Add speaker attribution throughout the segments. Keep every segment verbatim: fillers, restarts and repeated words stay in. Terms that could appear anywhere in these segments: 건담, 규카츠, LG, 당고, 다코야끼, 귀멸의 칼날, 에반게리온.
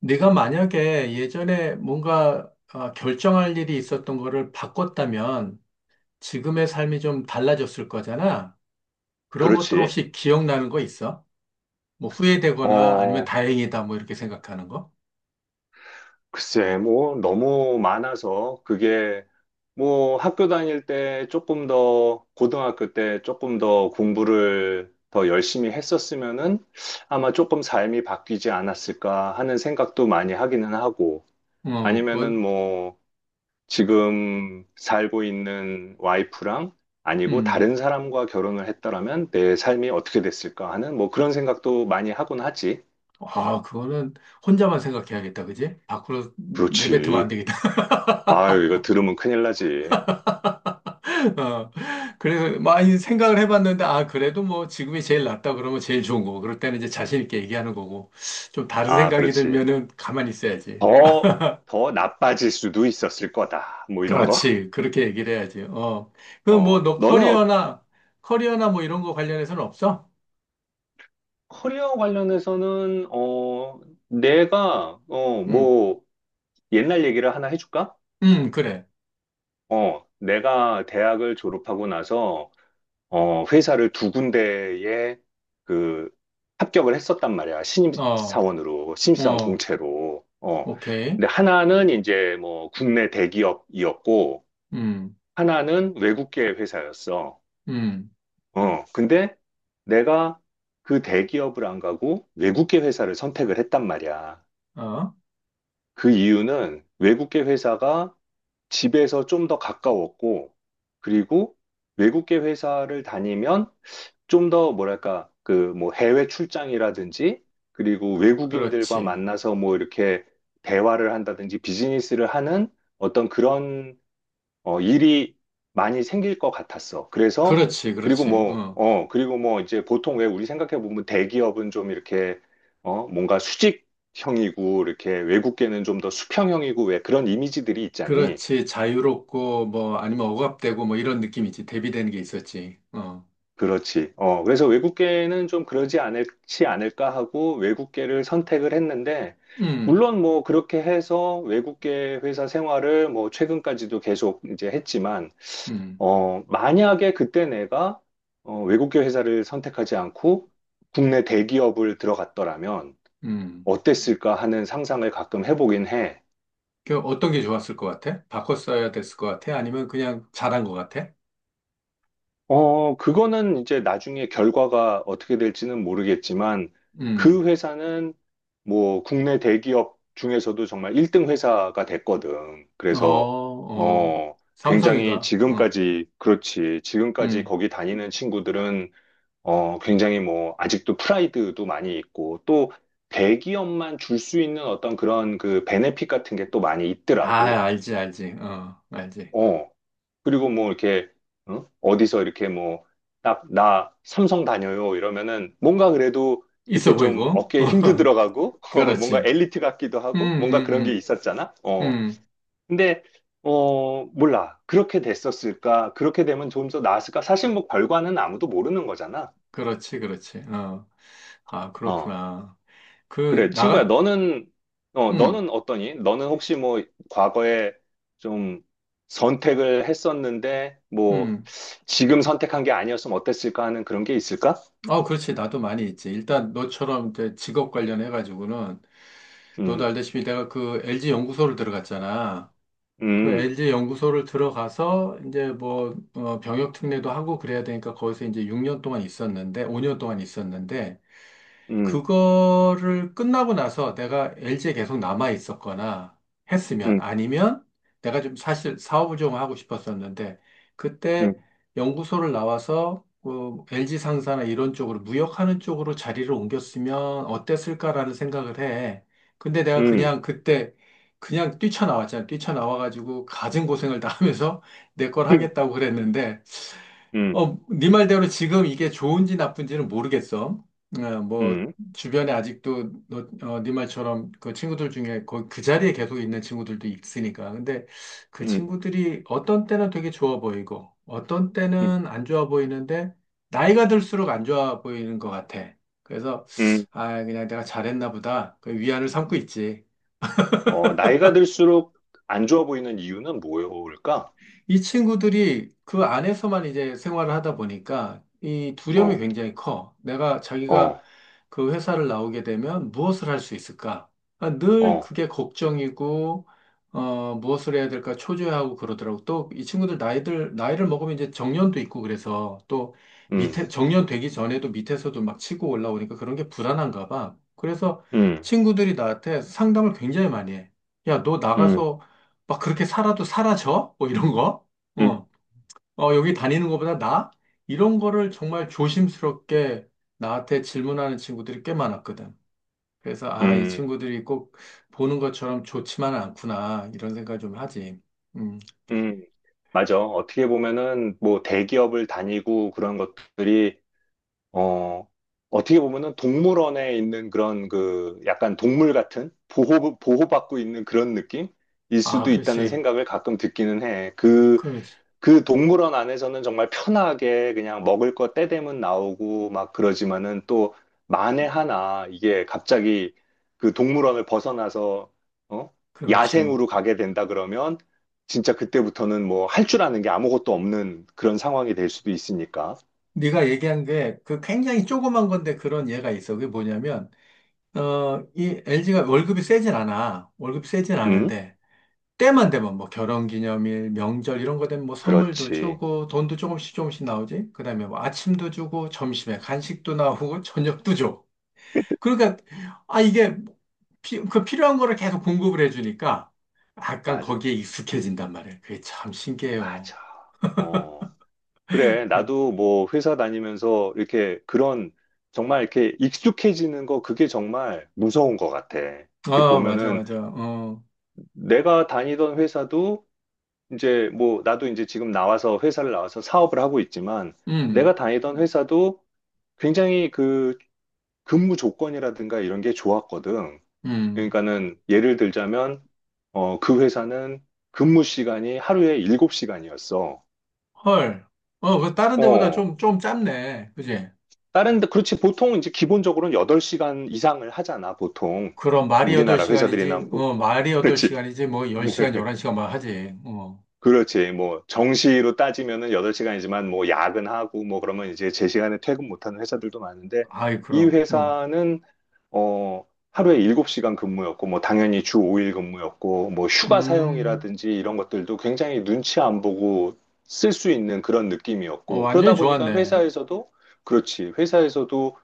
Speaker 1: 네가 만약에 예전에 뭔가 아, 결정할 일이 있었던 거를 바꿨다면 지금의 삶이 좀 달라졌을 거잖아. 그런 것들
Speaker 2: 그렇지.
Speaker 1: 혹시 기억나는 거 있어? 뭐 후회되거나 아니면
Speaker 2: 어,
Speaker 1: 다행이다 뭐 이렇게 생각하는 거?
Speaker 2: 글쎄, 뭐, 너무 많아서 그게 뭐 학교 다닐 때 조금 더, 고등학교 때 조금 더 공부를 더 열심히 했었으면은 아마 조금 삶이 바뀌지 않았을까 하는 생각도 많이 하기는 하고,
Speaker 1: 어,
Speaker 2: 아니면은
Speaker 1: 그건
Speaker 2: 뭐 지금 살고 있는 와이프랑 아니고
Speaker 1: 음.
Speaker 2: 다른 사람과 결혼을 했더라면 내 삶이 어떻게 됐을까 하는 뭐 그런 생각도 많이 하곤 하지.
Speaker 1: 아, 그거는 혼자만 생각해야겠다, 그지? 밖으로 내뱉으면 안
Speaker 2: 그렇지.
Speaker 1: 되겠다.
Speaker 2: 아유, 이거 들으면 큰일 나지.
Speaker 1: 어, 그래서 많이 생각을 해봤는데, 아, 그래도 뭐 지금이 제일 낫다 그러면 제일 좋은 거고, 그럴 때는 이제 자신 있게 얘기하는 거고, 좀 다른
Speaker 2: 아,
Speaker 1: 생각이
Speaker 2: 그렇지.
Speaker 1: 들면은 가만히 있어야지.
Speaker 2: 더, 더 나빠질 수도 있었을 거다. 뭐 이런 거.
Speaker 1: 그렇지. 그렇게 얘기를 해야지. 어. 그럼
Speaker 2: 어,
Speaker 1: 뭐 너
Speaker 2: 너는 어-
Speaker 1: 커리어나, 커리어나 뭐 이런 거 관련해서는 없어?
Speaker 2: 커리어 관련해서는, 어, 내가, 어,
Speaker 1: 응,
Speaker 2: 뭐, 옛날 얘기를 하나 해줄까?
Speaker 1: 응, 그래.
Speaker 2: 어, 내가 대학을 졸업하고 나서, 어, 회사를 두 군데에 그 합격을 했었단 말이야.
Speaker 1: 어,
Speaker 2: 신입사원으로, 신입사원
Speaker 1: 어,
Speaker 2: 공채로. 어,
Speaker 1: 오케이.
Speaker 2: 근데 하나는 이제 뭐 국내 대기업이었고,
Speaker 1: 음,
Speaker 2: 하나는 외국계 회사였어.
Speaker 1: 음,
Speaker 2: 어, 근데 내가 그 대기업을 안 가고 외국계 회사를 선택을 했단 말이야.
Speaker 1: 어,
Speaker 2: 그 이유는 외국계 회사가 집에서 좀 더 가까웠고, 그리고 외국계 회사를 다니면 좀 더 뭐랄까, 그 뭐 해외 출장이라든지, 그리고 외국인들과
Speaker 1: 그렇지.
Speaker 2: 만나서 뭐 이렇게 대화를 한다든지 비즈니스를 하는 어떤 그런 어, 일이 많이 생길 것 같았어. 그래서,
Speaker 1: 그렇지,
Speaker 2: 그리고
Speaker 1: 그렇지.
Speaker 2: 뭐,
Speaker 1: 어.
Speaker 2: 어, 그리고 뭐, 이제 보통 왜 우리 생각해보면 대기업은 좀 이렇게, 어, 뭔가 수직형이고, 이렇게 외국계는 좀 더 수평형이고, 왜 그런 이미지들이 있잖니.
Speaker 1: 그렇지. 자유롭고, 뭐, 아니면 억압되고, 뭐, 이런 느낌이지. 대비되는 게 있었지. 어.
Speaker 2: 그렇지. 어, 그래서 외국계는 좀 그러지 않을지 않을까 하고 외국계를 선택을 했는데,
Speaker 1: 음,
Speaker 2: 물론 뭐 그렇게 해서 외국계 회사 생활을 뭐 최근까지도 계속 이제 했지만,
Speaker 1: 음,
Speaker 2: 어, 만약에 그때 내가 어, 외국계 회사를 선택하지 않고 국내 대기업을 들어갔더라면
Speaker 1: 음.
Speaker 2: 어땠을까 하는 상상을 가끔 해보긴 해.
Speaker 1: 그 어떤 게 좋았을 것 같아? 바꿨어야 됐을 것 같아? 아니면 그냥 잘한 것 같아?
Speaker 2: 어, 그거는 이제 나중에 결과가 어떻게 될지는 모르겠지만
Speaker 1: 음,
Speaker 2: 그 회사는 뭐 국내 대기업 중에서도 정말 일 등 회사가 됐거든.
Speaker 1: 어,
Speaker 2: 그래서
Speaker 1: 어,
Speaker 2: 어, 굉장히
Speaker 1: 삼성인가? 어,
Speaker 2: 지금까지 그렇지. 지금까지
Speaker 1: 음.
Speaker 2: 거기 다니는 친구들은 어, 굉장히 뭐, 아직도 프라이드도 많이 있고, 또 대기업만 줄 수 있는 어떤 그런 그 베네핏 같은 게 또 많이
Speaker 1: 아,
Speaker 2: 있더라고.
Speaker 1: 알지, 알지. 어, 알지.
Speaker 2: 어, 그리고 뭐 이렇게, 어? 어디서 이렇게 뭐, 딱, 나 삼성 다녀요 이러면은 뭔가 그래도
Speaker 1: 있어
Speaker 2: 이렇게 좀
Speaker 1: 보이고.
Speaker 2: 어깨에 힘도 들어가고, 어, 뭔가
Speaker 1: 그렇지.
Speaker 2: 엘리트 같기도
Speaker 1: 음,
Speaker 2: 하고, 뭔가 그런 게
Speaker 1: 음,
Speaker 2: 있었잖아.
Speaker 1: 음,
Speaker 2: 어,
Speaker 1: 음.
Speaker 2: 근데, 어, 몰라. 그렇게 됐었을까? 그렇게 되면 좀 더 나았을까? 사실 뭐 결과는 아무도 모르는 거잖아.
Speaker 1: 그렇지, 그렇지. 어, 아,
Speaker 2: 어.
Speaker 1: 그렇구나. 그,
Speaker 2: 그래, 친구야,
Speaker 1: 나가,
Speaker 2: 너는, 어,
Speaker 1: 음,
Speaker 2: 너는 어떠니? 너는 혹시 뭐, 과거에 좀 선택을 했었는데, 뭐,
Speaker 1: 음.
Speaker 2: 지금 선택한 게 아니었으면 어땠을까 하는 그런 게 있을까?
Speaker 1: 어 그렇지. 나도 많이 있지. 일단 너처럼 이제 직업 관련해가지고는 너도
Speaker 2: 음,
Speaker 1: 알다시피 내가 그 엘지 연구소를 들어갔잖아. 그
Speaker 2: 음,
Speaker 1: 엘지 연구소를 들어가서 이제 뭐 어, 병역 특례도 하고 그래야 되니까 거기서 이제 육 년 동안 있었는데, 오 년 동안 있었는데
Speaker 2: 음,
Speaker 1: 그거를 끝나고 나서 내가 엘지에 계속 남아 있었거나 했으면
Speaker 2: 음,
Speaker 1: 아니면 내가 좀 사실 사업을 좀 하고 싶었었는데
Speaker 2: 음,
Speaker 1: 그때 연구소를 나와서 어, 엘지 상사나 이런 쪽으로 무역하는 쪽으로 자리를 옮겼으면 어땠을까라는 생각을 해. 근데 내가
Speaker 2: 음,
Speaker 1: 그냥 그때 그냥 뛰쳐나왔잖아. 뛰쳐나와가지고 가진 고생을 다 하면서 내 걸 하겠다고 그랬는데
Speaker 2: 음, 음,
Speaker 1: 어, 네 말대로 지금 이게 좋은지 나쁜지는 모르겠어. 어, 뭐
Speaker 2: 음,
Speaker 1: 주변에 아직도 너, 어, 네 말처럼 그 친구들 중에 거그 자리에 계속 있는 친구들도 있으니까. 근데 그
Speaker 2: 음, 음.
Speaker 1: 친구들이 어떤 때는 되게 좋아 보이고 어떤
Speaker 2: 음.
Speaker 1: 때는 안 좋아 보이는데 나이가 들수록 안 좋아 보이는 것 같아. 그래서
Speaker 2: 음.
Speaker 1: 아, 그냥 내가 잘했나 보다. 그 위안을 삼고 있지.
Speaker 2: 어, 나이가 들수록 안 좋아 보이는 이유는 뭐일까?
Speaker 1: 이 친구들이 그 안에서만 이제 생활을 하다 보니까 이 두려움이
Speaker 2: 어,
Speaker 1: 굉장히 커. 내가 자기가
Speaker 2: 어,
Speaker 1: 그 회사를 나오게 되면 무엇을 할 수 있을까? 아, 늘
Speaker 2: 어,
Speaker 1: 그게 걱정이고, 어, 무엇을 해야 될까 초조해하고 그러더라고. 또 이 친구들 나이들, 나이를 먹으면 이제 정년도 있고 그래서 또
Speaker 2: 음,
Speaker 1: 밑에, 정년 되기 전에도 밑에서도 막 치고 올라오니까 그런 게 불안한가 봐. 그래서
Speaker 2: 음,
Speaker 1: 친구들이 나한테 상담을 굉장히 많이 해. 야, 너
Speaker 2: 음,
Speaker 1: 나가서 막 그렇게 살아도 사라져? 뭐 이런 거?
Speaker 2: 음, 음.
Speaker 1: 어, 어, 여기 다니는 것보다 나? 이런 거를 정말 조심스럽게 나한테 질문하는 친구들이 꽤 많았거든. 그래서, 아, 이
Speaker 2: 음.
Speaker 1: 친구들이 꼭 보는 것처럼 좋지만은 않구나. 이런 생각을 좀 하지. 음,
Speaker 2: 음, 맞아. 어떻게 보면은 뭐 대기업을 다니고 그런 것들이 어 어떻게 보면은 동물원에 있는 그런 그 약간 동물 같은 보호 보호받고 있는 그런 느낌일
Speaker 1: 아,
Speaker 2: 수도 있다는
Speaker 1: 그렇지.
Speaker 2: 생각을 가끔 듣기는 해. 그
Speaker 1: 그렇지.
Speaker 2: 그 동물원 안에서는 정말 편하게 그냥 먹을 거 때 되면 나오고 막 그러지만은 또 만에 하나 이게 갑자기 그 동물원을 벗어나서 어?
Speaker 1: 그렇지.
Speaker 2: 야생으로 가게 된다 그러면 진짜 그때부터는 뭐 할 줄 아는 게 아무것도 없는 그런 상황이 될 수도 있으니까.
Speaker 1: 네가 얘기한 게 그 굉장히 조그만 건데 그런 예가 있어. 그게 뭐냐면, 어, 이 엘지가 월급이 세진 않아. 월급이 세진
Speaker 2: 응?
Speaker 1: 않은데. 때만 되면 뭐 결혼기념일, 명절 이런 거 되면 뭐 선물도
Speaker 2: 그렇지.
Speaker 1: 주고 돈도 조금씩 조금씩 나오지. 그다음에 뭐 아침도 주고 점심에 간식도 나오고 저녁도 줘. 그러니까 아 이게 피- 그 필요한 거를 계속 공급을 해주니까 약간
Speaker 2: 맞아.
Speaker 1: 거기에 익숙해진단 말이에요. 그게 참 신기해요.
Speaker 2: 맞아. 어. 그래, 나도 뭐 회사 다니면서 이렇게 그런 정말 이렇게 익숙해지는 거 그게 정말 무서운 것 같아. 이렇게
Speaker 1: 아 맞아
Speaker 2: 보면은
Speaker 1: 맞아. 어,
Speaker 2: 내가 다니던 회사도 이제 뭐 나도 이제 지금 나와서 회사를 나와서 사업을 하고 있지만 내가
Speaker 1: 음,
Speaker 2: 다니던 회사도 굉장히 그 근무 조건이라든가 이런 게 좋았거든.
Speaker 1: 음,
Speaker 2: 그러니까는 예를 들자면 어, 그 회사는 근무 시간이 하루에 일곱 시간이었어.
Speaker 1: 헐. 어, 그 다른 데보다 좀 좀 짧네. 그지?
Speaker 2: 다른 데 그렇지 보통 이제 기본적으로는 여덟 시간 이상을 하잖아 보통
Speaker 1: 그럼 말이
Speaker 2: 우리나라
Speaker 1: 여덟 시간이지,
Speaker 2: 회사들이나 뭐
Speaker 1: 어, 말이
Speaker 2: 그렇지.
Speaker 1: 여덟 시간이지, 뭐 열 시간, 열한 시간만 하지. 어.
Speaker 2: 그렇지. 뭐, 정시로 따지면은 여덟 시간이지만 뭐, 야근하고 뭐, 그러면 이제 제 시간에 퇴근 못하는 회사들도 많은데,
Speaker 1: 아이,
Speaker 2: 이
Speaker 1: 그럼. 어.
Speaker 2: 회사는, 어, 하루에 일곱 시간 근무였고, 뭐, 당연히 주 오 일 근무였고, 뭐, 휴가
Speaker 1: 음,
Speaker 2: 사용이라든지 이런 것들도 굉장히 눈치 안 보고 쓸 수 있는 그런
Speaker 1: 어,
Speaker 2: 느낌이었고,
Speaker 1: 완전히
Speaker 2: 그러다 보니까
Speaker 1: 좋았네.
Speaker 2: 회사에서도, 그렇지. 회사에서도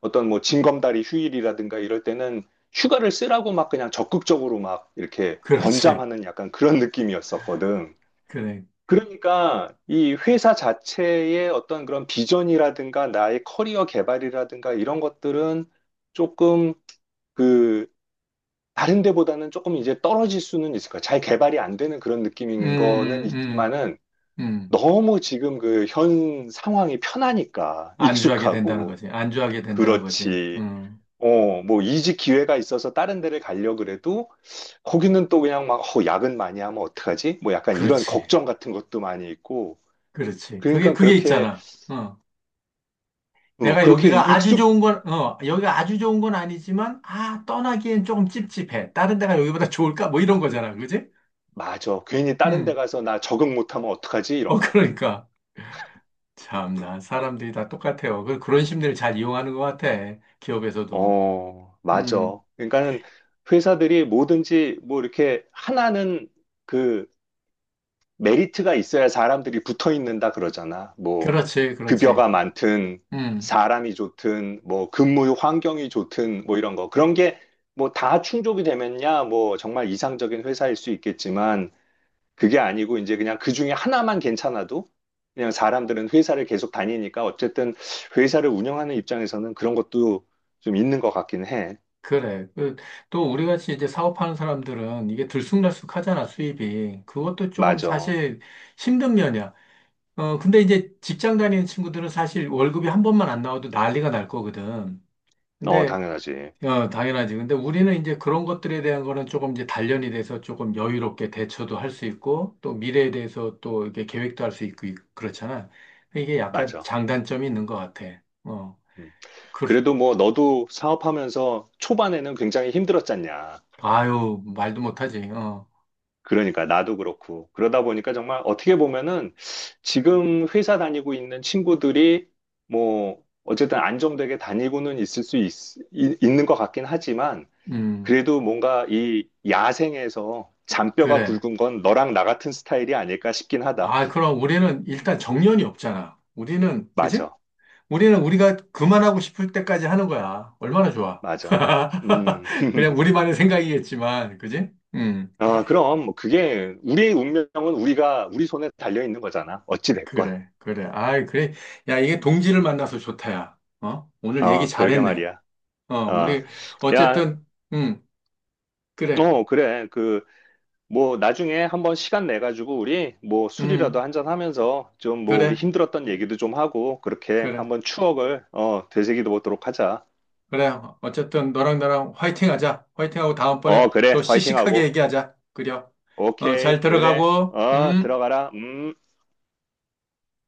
Speaker 2: 어떤 뭐, 징검다리 휴일이라든가 이럴 때는 휴가를 쓰라고 막 그냥 적극적으로 막 이렇게
Speaker 1: 그렇지.
Speaker 2: 권장하는 약간 그런 느낌이었었거든.
Speaker 1: 그래.
Speaker 2: 그러니까 이 회사 자체의 어떤 그런 비전이라든가 나의 커리어 개발이라든가 이런 것들은 조금 그 다른 데보다는 조금 이제 떨어질 수는 있을 거야. 잘 개발이 안 되는 그런
Speaker 1: 음,
Speaker 2: 느낌인 거는
Speaker 1: 음,
Speaker 2: 있지만은
Speaker 1: 음, 음.
Speaker 2: 너무 지금 그 현 상황이 편하니까
Speaker 1: 안주하게 된다는
Speaker 2: 익숙하고
Speaker 1: 거지. 안주하게 된다는 거지.
Speaker 2: 그렇지.
Speaker 1: 음,
Speaker 2: 어, 뭐 이직 기회가 있어서 다른 데를 가려고 그래도 거기는 또 그냥 막 어, 야근 많이 하면 어떡하지? 뭐 약간 이런
Speaker 1: 그렇지.
Speaker 2: 걱정 같은 것도 많이 있고
Speaker 1: 그렇지. 그게,
Speaker 2: 그러니까
Speaker 1: 그게
Speaker 2: 그렇게,
Speaker 1: 있잖아. 어.
Speaker 2: 어,
Speaker 1: 내가
Speaker 2: 그렇게
Speaker 1: 여기가 아주
Speaker 2: 익숙,
Speaker 1: 좋은 건, 어, 여기가 아주 좋은 건 아니지만, 아, 떠나기엔 조금 찝찝해. 다른 데가 여기보다 좋을까? 뭐 이런 거잖아. 그지?
Speaker 2: 맞아. 괜히 다른 데
Speaker 1: 음,
Speaker 2: 가서 나 적응 못하면 어떡하지?
Speaker 1: 어,
Speaker 2: 이런 거.
Speaker 1: 그러니까. 참나, 사람들이 다 똑같아요. 그, 그런 심리를 잘 이용하는 것 같아. 기업에서도.
Speaker 2: 어,
Speaker 1: 음,
Speaker 2: 맞아. 그러니까는 회사들이 뭐든지 뭐 이렇게 하나는 그 메리트가 있어야 사람들이 붙어 있는다 그러잖아. 뭐
Speaker 1: 그렇지, 그렇지.
Speaker 2: 급여가 많든
Speaker 1: 음,
Speaker 2: 사람이 좋든 뭐 근무 환경이 좋든 뭐 이런 거. 그런 게 뭐 다 충족이 되면야 뭐 정말 이상적인 회사일 수 있겠지만 그게 아니고 이제 그냥 그 중에 하나만 괜찮아도 그냥 사람들은 회사를 계속 다니니까 어쨌든 회사를 운영하는 입장에서는 그런 것도 좀 있는 것 같긴 해.
Speaker 1: 그래. 그, 또 우리 같이 이제 사업하는 사람들은 이게 들쑥날쑥하잖아, 수입이. 그것도 조금
Speaker 2: 맞아.
Speaker 1: 사실 힘든 면이야. 어, 근데 이제 직장 다니는 친구들은 사실 월급이 한 번만 안 나와도 난리가 날 거거든.
Speaker 2: 어,
Speaker 1: 근데,
Speaker 2: 당연하지.
Speaker 1: 어, 당연하지. 근데 우리는 이제 그런 것들에 대한 거는 조금 이제 단련이 돼서 조금 여유롭게 대처도 할 수 있고, 또 미래에 대해서 또 이렇게 계획도 할 수 있고, 그렇잖아. 이게 약간
Speaker 2: 맞아.
Speaker 1: 장단점이 있는 것 같아. 어,
Speaker 2: 음.
Speaker 1: 그,
Speaker 2: 그래도 뭐 너도 사업하면서 초반에는 굉장히 힘들었잖냐.
Speaker 1: 아유, 말도 못하지. 어.
Speaker 2: 그러니까 나도 그렇고. 그러다 보니까 정말 어떻게 보면은 지금 회사 다니고 있는 친구들이 뭐 어쨌든 안정되게 다니고는 있을 수 있, 이- 있는 것 같긴 하지만
Speaker 1: 음.
Speaker 2: 그래도 뭔가 이 야생에서 잔뼈가
Speaker 1: 그래.
Speaker 2: 굵은 건 너랑 나 같은 스타일이 아닐까 싶긴 하다.
Speaker 1: 아, 그럼 우리는 일단 정년이 없잖아. 우리는, 그지?
Speaker 2: 맞아,
Speaker 1: 우리는 우리가 그만하고 싶을 때까지 하는 거야. 얼마나 좋아.
Speaker 2: 맞아. 음,
Speaker 1: 그냥 우리만의 생각이겠지만, 그지? 음,
Speaker 2: 아, 그럼 뭐 그게 우리의 운명은 우리가 우리 손에 달려 있는 거잖아. 어찌 됐건.
Speaker 1: 그래, 그래. 아이, 그래. 야, 이게 동지를 만나서 좋다, 야. 어? 오늘 얘기
Speaker 2: 어, 그러게
Speaker 1: 잘했네.
Speaker 2: 말이야.
Speaker 1: 어,
Speaker 2: 어,
Speaker 1: 우리,
Speaker 2: 야,
Speaker 1: 어쨌든, 음, 그래.
Speaker 2: 어, 그래. 그 뭐 나중에 한번 시간 내 가지고 우리 뭐 술이라도
Speaker 1: 음,
Speaker 2: 한잔 하면서 좀 뭐 우리
Speaker 1: 그래,
Speaker 2: 힘들었던 얘기도 좀 하고 그렇게
Speaker 1: 그래.
Speaker 2: 한번 추억을 어 되새기도 보도록 하자.
Speaker 1: 그래, 어쨌든 너랑 나랑 화이팅 하자. 화이팅 하고 다음번에
Speaker 2: 어, 그래.
Speaker 1: 더 씩씩하게
Speaker 2: 화이팅하고.
Speaker 1: 얘기하자. 그래. 어, 잘
Speaker 2: 오케이, 그래.
Speaker 1: 들어가고,
Speaker 2: 어,
Speaker 1: 음.
Speaker 2: 들어가라. 음.